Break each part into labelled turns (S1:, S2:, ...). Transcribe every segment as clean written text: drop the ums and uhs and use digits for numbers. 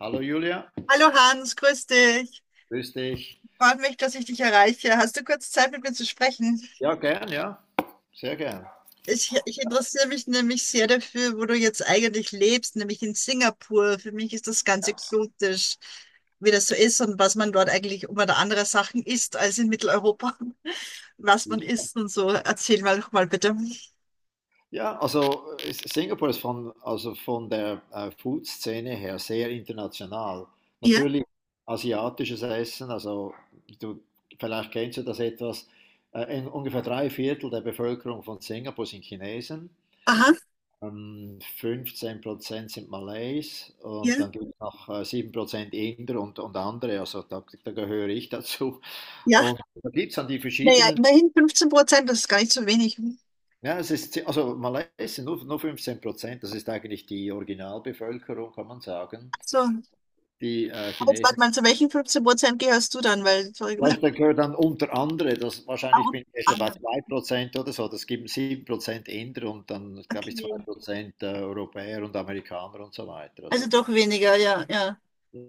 S1: Hallo Julia,
S2: Hallo Hans, grüß dich.
S1: grüß dich.
S2: Freut mich, dass ich dich erreiche. Hast du kurz Zeit, mit mir zu sprechen?
S1: Ja, gern, ja, sehr gern.
S2: Ich interessiere mich nämlich sehr dafür, wo du jetzt eigentlich lebst, nämlich in Singapur. Für mich ist das ganz exotisch, wie das so ist und was man dort eigentlich um oder andere Sachen isst als in Mitteleuropa. Was man isst und so. Erzähl mal doch mal bitte.
S1: Ja, also Singapur ist von, also von der Food-Szene her sehr international.
S2: Ja,
S1: Natürlich asiatisches Essen, also du, vielleicht kennst du das etwas. In ungefähr drei Viertel der Bevölkerung von Singapur sind Chinesen,
S2: aha,
S1: 15% sind Malays
S2: ja,
S1: und dann gibt es noch 7% Inder und andere, also da gehöre ich dazu.
S2: ja.
S1: Und da gibt es dann die
S2: Naja,
S1: verschiedenen.
S2: immerhin 15%, das ist gar nicht so wenig.
S1: Ja, es ist, also Malaysia nur 15%, das ist eigentlich die Originalbevölkerung, kann man sagen,
S2: So, aber
S1: die
S2: jetzt warte
S1: Chinesen.
S2: mal, zu welchen 15% gehörst du dann? Weil, sorry,
S1: Vielleicht da gehört dann unter andere, das,
S2: ah,
S1: wahrscheinlich
S2: und
S1: bin ich jetzt bei
S2: andere.
S1: 2% oder so, das gibt 7% Inder und dann, glaube ich, 2
S2: Okay.
S1: Prozent Europäer und Amerikaner und so weiter.
S2: Also
S1: Also,
S2: doch weniger, ja, ja.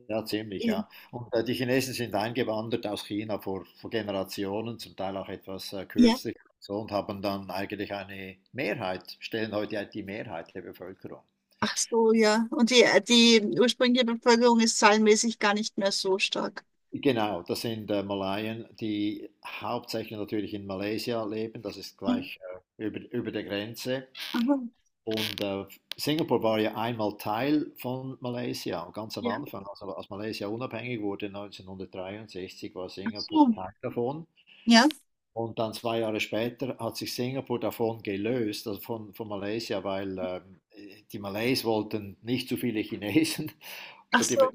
S1: ja, ziemlich,
S2: In-
S1: ja. Und die Chinesen sind eingewandert aus China vor Generationen, zum Teil auch etwas
S2: Ja.
S1: kürzlich, so, und haben dann eigentlich eine Mehrheit, stellen heute die Mehrheit der Bevölkerung.
S2: Ach so, ja. Und die ursprüngliche Bevölkerung ist zahlenmäßig gar nicht mehr so stark.
S1: Genau, das sind Malaien, die hauptsächlich natürlich in Malaysia leben. Das ist
S2: Hm.
S1: gleich über der Grenze.
S2: Aha.
S1: Und Singapur war ja einmal Teil von Malaysia, ganz am
S2: Ja.
S1: Anfang. Also als Malaysia unabhängig wurde 1963, war
S2: Ach
S1: Singapur
S2: so.
S1: Teil davon.
S2: Ja.
S1: Und dann 2 Jahre später hat sich Singapur davon gelöst, also von Malaysia, weil die Malays wollten nicht zu viele Chinesen
S2: Ach
S1: und die
S2: so.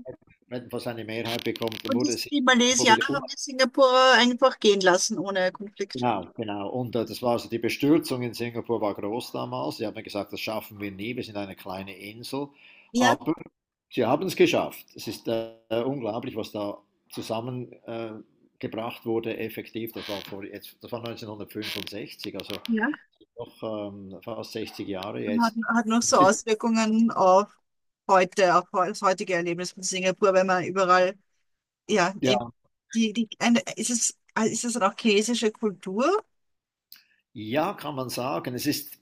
S1: hätten fast eine Mehrheit bekommen. Dann
S2: Und die,
S1: wurde
S2: die
S1: Singapur wieder.
S2: Malaysianer haben die Singapurer einfach gehen lassen ohne Konflikt.
S1: Genau, genau. Und das war also die Bestürzung in Singapur war groß damals. Sie haben gesagt, das schaffen wir nie, wir sind eine kleine Insel.
S2: Ja.
S1: Aber sie haben es geschafft. Es ist unglaublich, was da zusammengebracht äh, gebracht wurde, effektiv. Das war, vor, jetzt, das war 1965, also
S2: Ja.
S1: noch fast 60 Jahre
S2: Und hat,
S1: jetzt.
S2: hat noch so
S1: Es ist,
S2: Auswirkungen auf heute, das heutige Erlebnis von Singapur, wenn man überall, ja,
S1: ja.
S2: eben die, die, eine, ist es, ist es dann auch chinesische Kultur?
S1: Ja, kann man sagen. Es ist,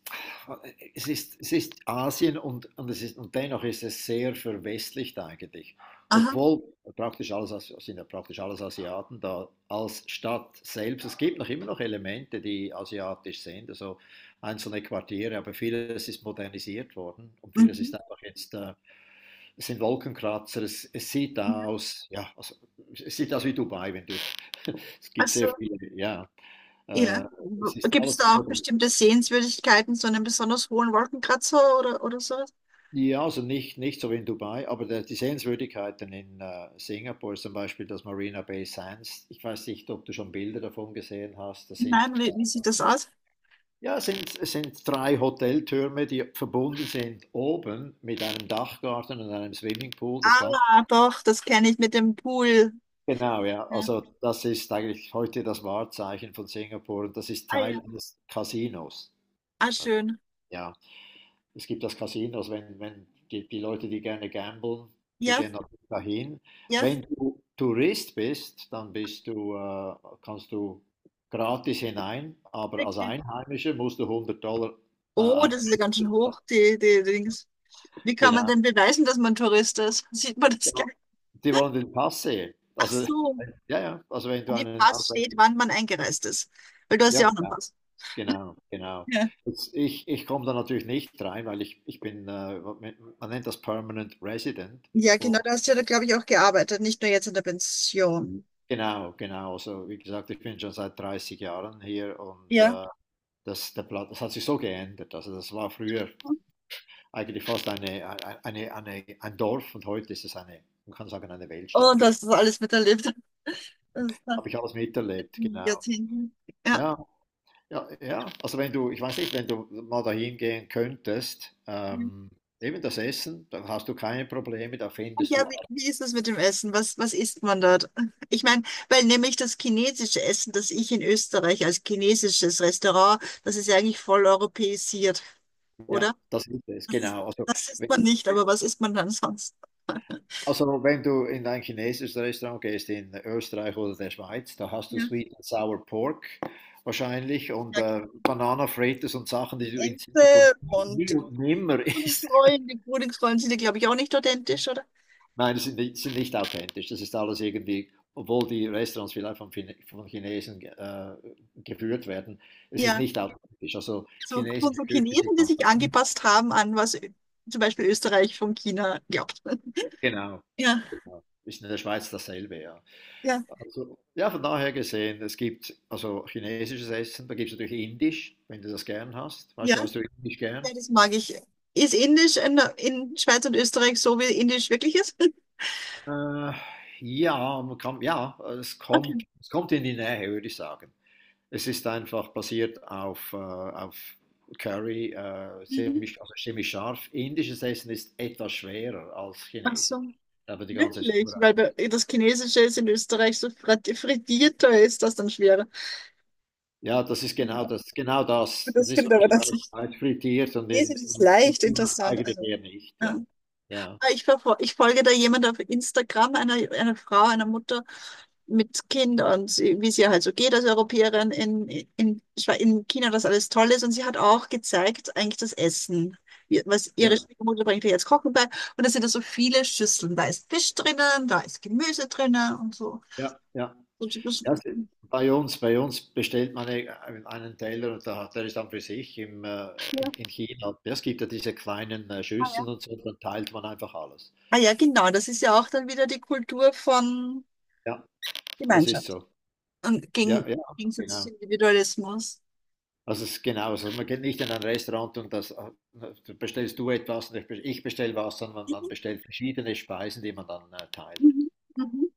S1: es ist, Es ist Asien es ist, und dennoch ist es sehr verwestlicht eigentlich.
S2: Aha.
S1: Obwohl praktisch alles, sind ja praktisch alles Asiaten da als Stadt selbst. Es gibt noch immer noch Elemente, die asiatisch sind, also einzelne Quartiere, aber vieles ist modernisiert worden und vieles
S2: Mhm.
S1: ist einfach jetzt, es sind Wolkenkratzer, es sieht aus, ja, also, es sieht aus wie Dubai, wenn du, es gibt sehr
S2: Also,
S1: viele, ja,
S2: ja.
S1: äh, es ist
S2: Gibt es
S1: alles
S2: da auch
S1: modern.
S2: bestimmte Sehenswürdigkeiten, so einen besonders hohen Wolkenkratzer oder sowas?
S1: Ja, also nicht so wie in Dubai, aber die Sehenswürdigkeiten in Singapur, zum Beispiel das Marina Bay Sands, ich weiß nicht, ob du schon Bilder davon gesehen hast, das sind,
S2: Nein, wie sieht das aus?
S1: ja, es sind drei Hoteltürme, die verbunden sind oben mit einem Dachgarten und einem Swimmingpool, das Ganze.
S2: Ah, doch, das kenne ich mit dem Pool.
S1: Genau, ja,
S2: Ja.
S1: also das ist eigentlich heute das Wahrzeichen von Singapur und das ist
S2: Ah
S1: Teil
S2: ja.
S1: eines Casinos.
S2: Ah,
S1: Also,
S2: schön.
S1: ja. Es gibt das Casino, also wenn die Leute, die gerne gamblen, die
S2: Ja,
S1: gehen natürlich dahin.
S2: ja,
S1: Wenn du Tourist bist, dann bist du, kannst du gratis hinein, aber als
S2: wirklich.
S1: Einheimischer musst du $100 äh,
S2: Oh,
S1: ein-
S2: das ist ja ganz schön hoch, die Dings. Wie kann man
S1: genau.
S2: denn beweisen, dass man Tourist ist? Sieht man das
S1: Ja,
S2: gleich?
S1: die wollen den Pass sehen.
S2: Ach
S1: Also,
S2: so,
S1: ja, ja, also wenn
S2: an
S1: du
S2: dem
S1: einen
S2: Pass steht,
S1: ausländischen,
S2: wann man eingereist ist. Weil du hast
S1: ja,
S2: ja auch einen
S1: genau,
S2: Pass.
S1: genau, genau.
S2: Ja.
S1: Jetzt, ich komme da natürlich nicht rein, weil ich bin, man nennt das Permanent Resident.
S2: Ja, genau, da hast du ja, glaube ich, auch gearbeitet, nicht nur jetzt in der Pension.
S1: Genau, genau. Also wie gesagt, ich bin schon seit 30 Jahren hier und
S2: Ja.
S1: das, der Platz, das hat sich so geändert. Also das war früher eigentlich fast ein Dorf und heute ist es eine, man kann sagen, eine Weltstadt
S2: Und
S1: geworden.
S2: dass du das alles miterlebt hast. Das ist dann
S1: Habe ich alles miterlebt, genau.
S2: Jahrzehnten. Ja.
S1: Ja, ja, ja. Also wenn du, ich weiß nicht, wenn du mal dahin gehen könntest,
S2: Und
S1: eben das Essen, dann hast du keine Probleme, da findest
S2: Ja,
S1: du
S2: wie,
S1: alles.
S2: wie ist es mit dem Essen? Was isst man dort? Ich meine, weil nämlich das chinesische Essen, das ich in Österreich als chinesisches Restaurant, das ist ja eigentlich voll europäisiert,
S1: Ja,
S2: oder?
S1: das ist es,
S2: Das ist,
S1: genau.
S2: das isst man nicht, aber was isst man dann sonst?
S1: Also, wenn du in ein chinesisches Restaurant gehst in Österreich oder der Schweiz, da hast du
S2: Ja,
S1: Sweet and Sour Pork wahrscheinlich und
S2: ja,
S1: Banana Fritters und Sachen, die du in Singapur
S2: Ente und
S1: nie
S2: die
S1: und nimmer isst.
S2: Frühlingsrollen. Die Frühlingsrollen sind ja, glaube ich, auch nicht authentisch, oder?
S1: Nein, das sind nicht authentisch. Das ist alles irgendwie, obwohl die Restaurants vielleicht von, von Chinesen geführt werden, es ist
S2: Ja,
S1: nicht authentisch. Also,
S2: so,
S1: chinesische
S2: so
S1: Küche, sie
S2: Chinesen, die
S1: kommt
S2: sich
S1: davon.
S2: angepasst haben an was zum Beispiel Österreich von China glaubt.
S1: Genau,
S2: Ja,
S1: genau. Ist in der Schweiz dasselbe, ja.
S2: ja,
S1: Also, ja, von daher gesehen, es gibt also chinesisches Essen, da gibt es natürlich Indisch, wenn du das gern hast. Weißt
S2: ja,
S1: du, hast du Indisch gern?
S2: ja, das mag ich. Ist Indisch in Schweiz und Österreich so, wie Indisch wirklich ist?
S1: Äh, ja, man kann, ja,
S2: Okay.
S1: es kommt in die Nähe, würde ich sagen. Es ist einfach basiert auf Curry,
S2: Mhm.
S1: ziemlich, also ziemlich scharf. Indisches Essen ist etwas schwerer als
S2: Ach
S1: chinesisch.
S2: so,
S1: Aber die ganze
S2: wirklich? Weil
S1: Zubereitung.
S2: das Chinesische ist in Österreich so frittierter, ist das dann schwerer.
S1: Ja, das ist genau das, genau das. Das
S2: Das
S1: ist
S2: stimmt aber das
S1: Österreich
S2: nicht.
S1: weit frittiert und
S2: Chinesisch ist
S1: in
S2: leicht,
S1: China
S2: interessant.
S1: eigentlich
S2: Also,
S1: eher nicht,
S2: ja.
S1: ja. Ja,
S2: Ah, ich folge da jemand auf Instagram, einer, einer Frau, einer Mutter mit Kindern, wie es ihr halt so geht als Europäerin in, in China, dass alles toll ist. Und sie hat auch gezeigt, eigentlich das Essen, was ihre
S1: ja,
S2: Schwiegermutter bringt ihr jetzt Kochen bei. Und da sind da so viele Schüsseln. Da ist Fisch drinnen, da ist Gemüse drinnen und so.
S1: ja, ja.
S2: Und ich muss-
S1: ja es- Bei uns, bei uns bestellt man einen Teller und da, der ist dann für sich im, in
S2: ja.
S1: China. Ja, es gibt ja diese kleinen
S2: Ah ja,
S1: Schüsseln und so, dann teilt man einfach alles.
S2: ah ja, genau. Das ist ja auch dann wieder die Kultur von
S1: Ja, das ist
S2: Gemeinschaft
S1: so.
S2: und
S1: Ja, ja,
S2: Gegensatz zu
S1: genau.
S2: Individualismus.
S1: Also es ist genau so. Man geht nicht in ein Restaurant und das bestellst du etwas und ich bestelle was, sondern man
S2: Mhm.
S1: bestellt verschiedene Speisen, die man dann teilt.
S2: Mhm. Mhm.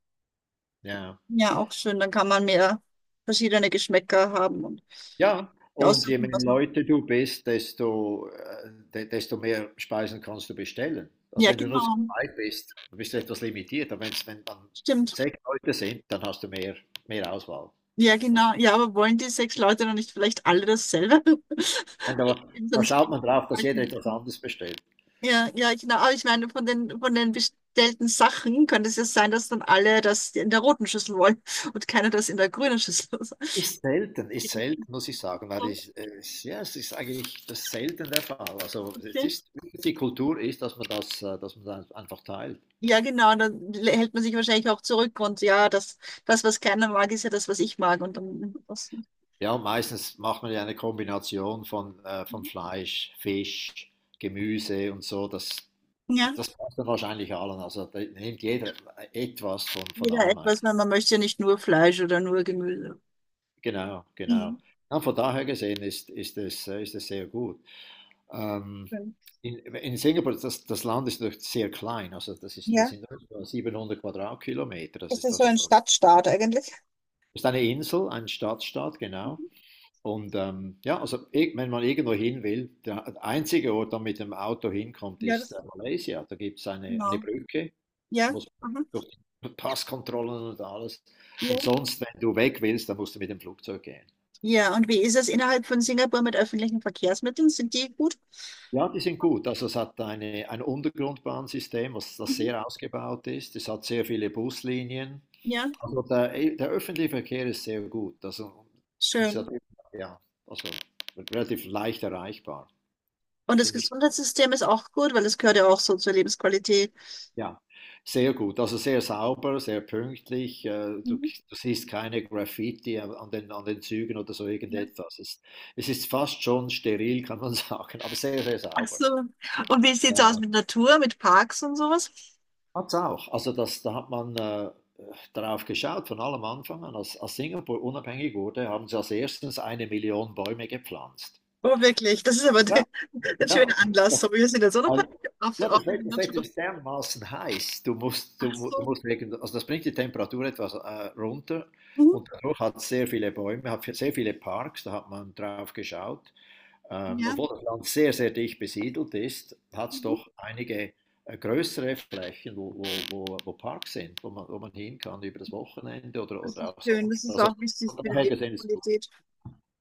S1: Ja.
S2: Ja, auch schön. Dann kann man mehr verschiedene Geschmäcker haben und
S1: Ja, und je
S2: aussuchen,
S1: mehr
S2: was man.
S1: Leute du bist, desto, de desto mehr Speisen kannst du bestellen. Also
S2: Ja,
S1: wenn du nur zu
S2: genau.
S1: zweit bist, dann bist du etwas limitiert. Aber wenn dann
S2: Stimmt.
S1: sechs Leute sind, dann hast du mehr, mehr Auswahl.
S2: Ja,
S1: Und
S2: genau. Ja, aber wollen die sechs Leute dann nicht vielleicht alle dasselbe?
S1: da, da
S2: sonst-
S1: schaut man drauf, dass jeder etwas anderes bestellt.
S2: Ja, ja, genau. Aber ich meine, von den bestellten Sachen könnte es ja sein, dass dann alle das in der roten Schüssel wollen und keiner das in der grünen Schüssel.
S1: Ist selten, muss ich sagen, weil
S2: Oh,
S1: ich, ja, es ist eigentlich das ist selten der Fall. Also es
S2: okay.
S1: ist, die Kultur ist, dass man das einfach teilt.
S2: Ja, genau. Dann hält man sich wahrscheinlich auch zurück und ja, das, was keiner mag, ist ja das, was ich mag. Und dann, das,
S1: Ja, meistens macht man ja eine Kombination von Fleisch, Fisch, Gemüse und so.
S2: ja,
S1: Das passt dann wahrscheinlich allen. Also da nimmt jeder etwas von
S2: jeder
S1: allem eigentlich.
S2: etwas, weil man möchte ja nicht nur Fleisch oder nur Gemüse.
S1: Genau, genau.
S2: Mhm.
S1: Ja, von daher gesehen ist es sehr gut. Ähm, in Singapur, das Land ist doch sehr klein. Also das
S2: Ja.
S1: sind nur so 700 Quadratkilometer. Das
S2: Das
S1: ist,
S2: ist so
S1: also
S2: ein Stadtstaat eigentlich.
S1: ist eine Insel, ein Stadtstaat, genau.
S2: Mhm.
S1: Und ja, also wenn man irgendwo hin will, der einzige Ort, der mit dem Auto hinkommt,
S2: Ja,
S1: ist
S2: das,
S1: Malaysia. Da gibt es eine
S2: genau.
S1: Brücke,
S2: Ja,
S1: muss man
S2: aha.
S1: durch die Passkontrollen und alles.
S2: Ja.
S1: Und sonst, wenn du weg willst, dann musst du mit dem Flugzeug gehen.
S2: Ja, und wie ist es innerhalb von Singapur mit öffentlichen Verkehrsmitteln? Sind die gut?
S1: Ja, die sind gut. Also es hat ein Untergrundbahnsystem, was das
S2: Mhm.
S1: sehr ausgebaut ist. Es hat sehr viele Buslinien.
S2: Ja,
S1: Also der öffentliche Verkehr ist sehr gut. Also, und es
S2: schön.
S1: hat, ja, also relativ leicht erreichbar.
S2: Und das
S1: Ziemlich.
S2: Gesundheitssystem ist auch gut, weil es gehört ja auch so zur Lebensqualität.
S1: Ja, sehr gut. Also sehr sauber, sehr pünktlich. Du, Du
S2: Mhm.
S1: siehst keine Graffiti an den Zügen oder so
S2: Ja.
S1: irgendetwas. Es ist fast schon steril, kann man sagen, aber sehr, sehr
S2: Ach
S1: sauber.
S2: so. Und wie sieht's aus
S1: Ja.
S2: mit Natur, mit Parks und sowas?
S1: Hat's auch. Also da hat man darauf geschaut, von allem Anfang an. Als Singapur unabhängig wurde, haben sie als erstens eine Million Bäume gepflanzt.
S2: Oh, wirklich. Das ist aber
S1: Ja.
S2: ein
S1: Ja,
S2: schöner Anlass. So, wir sind jetzt, oder?
S1: also,
S2: Auf,
S1: ja,
S2: auch in der
S1: Das Wetter
S2: Natur.
S1: ist dermaßen heiß.
S2: Ach
S1: Du
S2: so.
S1: musst wegen, also das bringt die Temperatur etwas runter
S2: Mhm.
S1: und dadurch hat es sehr viele Bäume, hat sehr viele Parks, da hat man drauf geschaut.
S2: Ja,
S1: Obwohl das Land sehr, sehr dicht besiedelt ist, hat es
S2: mhm,
S1: doch einige größere Flächen, wo Parks sind, wo man hin kann über das Wochenende
S2: das
S1: oder
S2: ist
S1: auch
S2: schön. Das
S1: sonst.
S2: ist
S1: Also
S2: auch wichtig
S1: von
S2: für die
S1: daher gesehen ist es gut.
S2: Lebensqualität.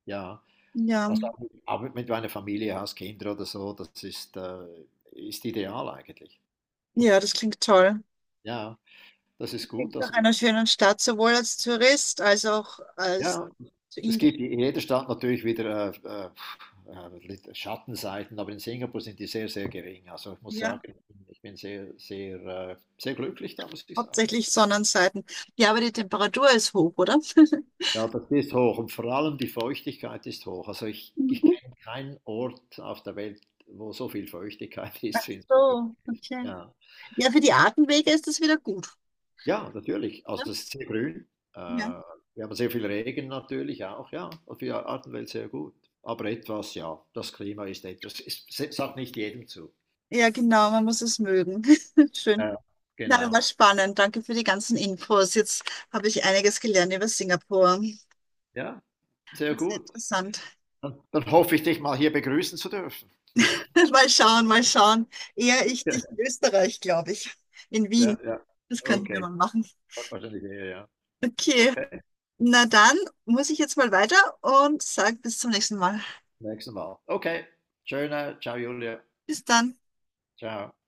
S1: Ja,
S2: Ja,
S1: also auch mit meiner Familie, hast Kinder oder so, ist ideal eigentlich.
S2: ja, das klingt toll.
S1: Ja, das ist gut.
S2: Klingt
S1: Also,
S2: nach einer schönen Stadt, sowohl als Tourist als auch als
S1: ja, es
S2: Inge-
S1: gibt in jeder Stadt natürlich wieder Schattenseiten, aber in Singapur sind die sehr, sehr gering. Also ich muss
S2: ja,
S1: sagen, ich bin sehr, sehr, sehr glücklich da, muss ich sagen.
S2: hauptsächlich Sonnenseiten. Ja, aber die Temperatur ist hoch, oder?
S1: Ja, das ist hoch und vor allem die Feuchtigkeit ist hoch. Also ich
S2: Mhm.
S1: kenne keinen Ort auf der Welt, wo so viel Feuchtigkeit
S2: Ach
S1: ist wie in Singapur.
S2: so, okay.
S1: Ja.
S2: Ja, für die Atemwege ist das wieder gut.
S1: Ja, natürlich.
S2: Ne?
S1: Also es ist sehr grün.
S2: Ja.
S1: Wir haben sehr viel Regen natürlich auch, ja. Und für die Artenwelt sehr gut. Aber etwas, ja, das Klima ist etwas. Es sagt nicht jedem zu.
S2: Ja, genau, man muss es mögen. Schön.
S1: Ja,
S2: Na, das
S1: genau.
S2: war spannend. Danke für die ganzen Infos. Jetzt habe ich einiges gelernt über Singapur.
S1: Ja, sehr
S2: War sehr
S1: gut.
S2: interessant.
S1: Dann hoffe ich, dich mal hier begrüßen zu dürfen.
S2: Mal schauen, mal schauen. Eher ich
S1: Ja,
S2: dich in Österreich, glaube ich. In
S1: ja,
S2: Wien.
S1: ja.
S2: Das könnten wir
S1: Okay.
S2: mal machen.
S1: Wahrscheinlich eher, ja.
S2: Okay.
S1: Okay.
S2: Na dann muss ich jetzt mal weiter und sage bis zum nächsten Mal.
S1: Nächstes Mal. Okay. Schöner. Ciao, Julia.
S2: Bis dann.
S1: Ciao.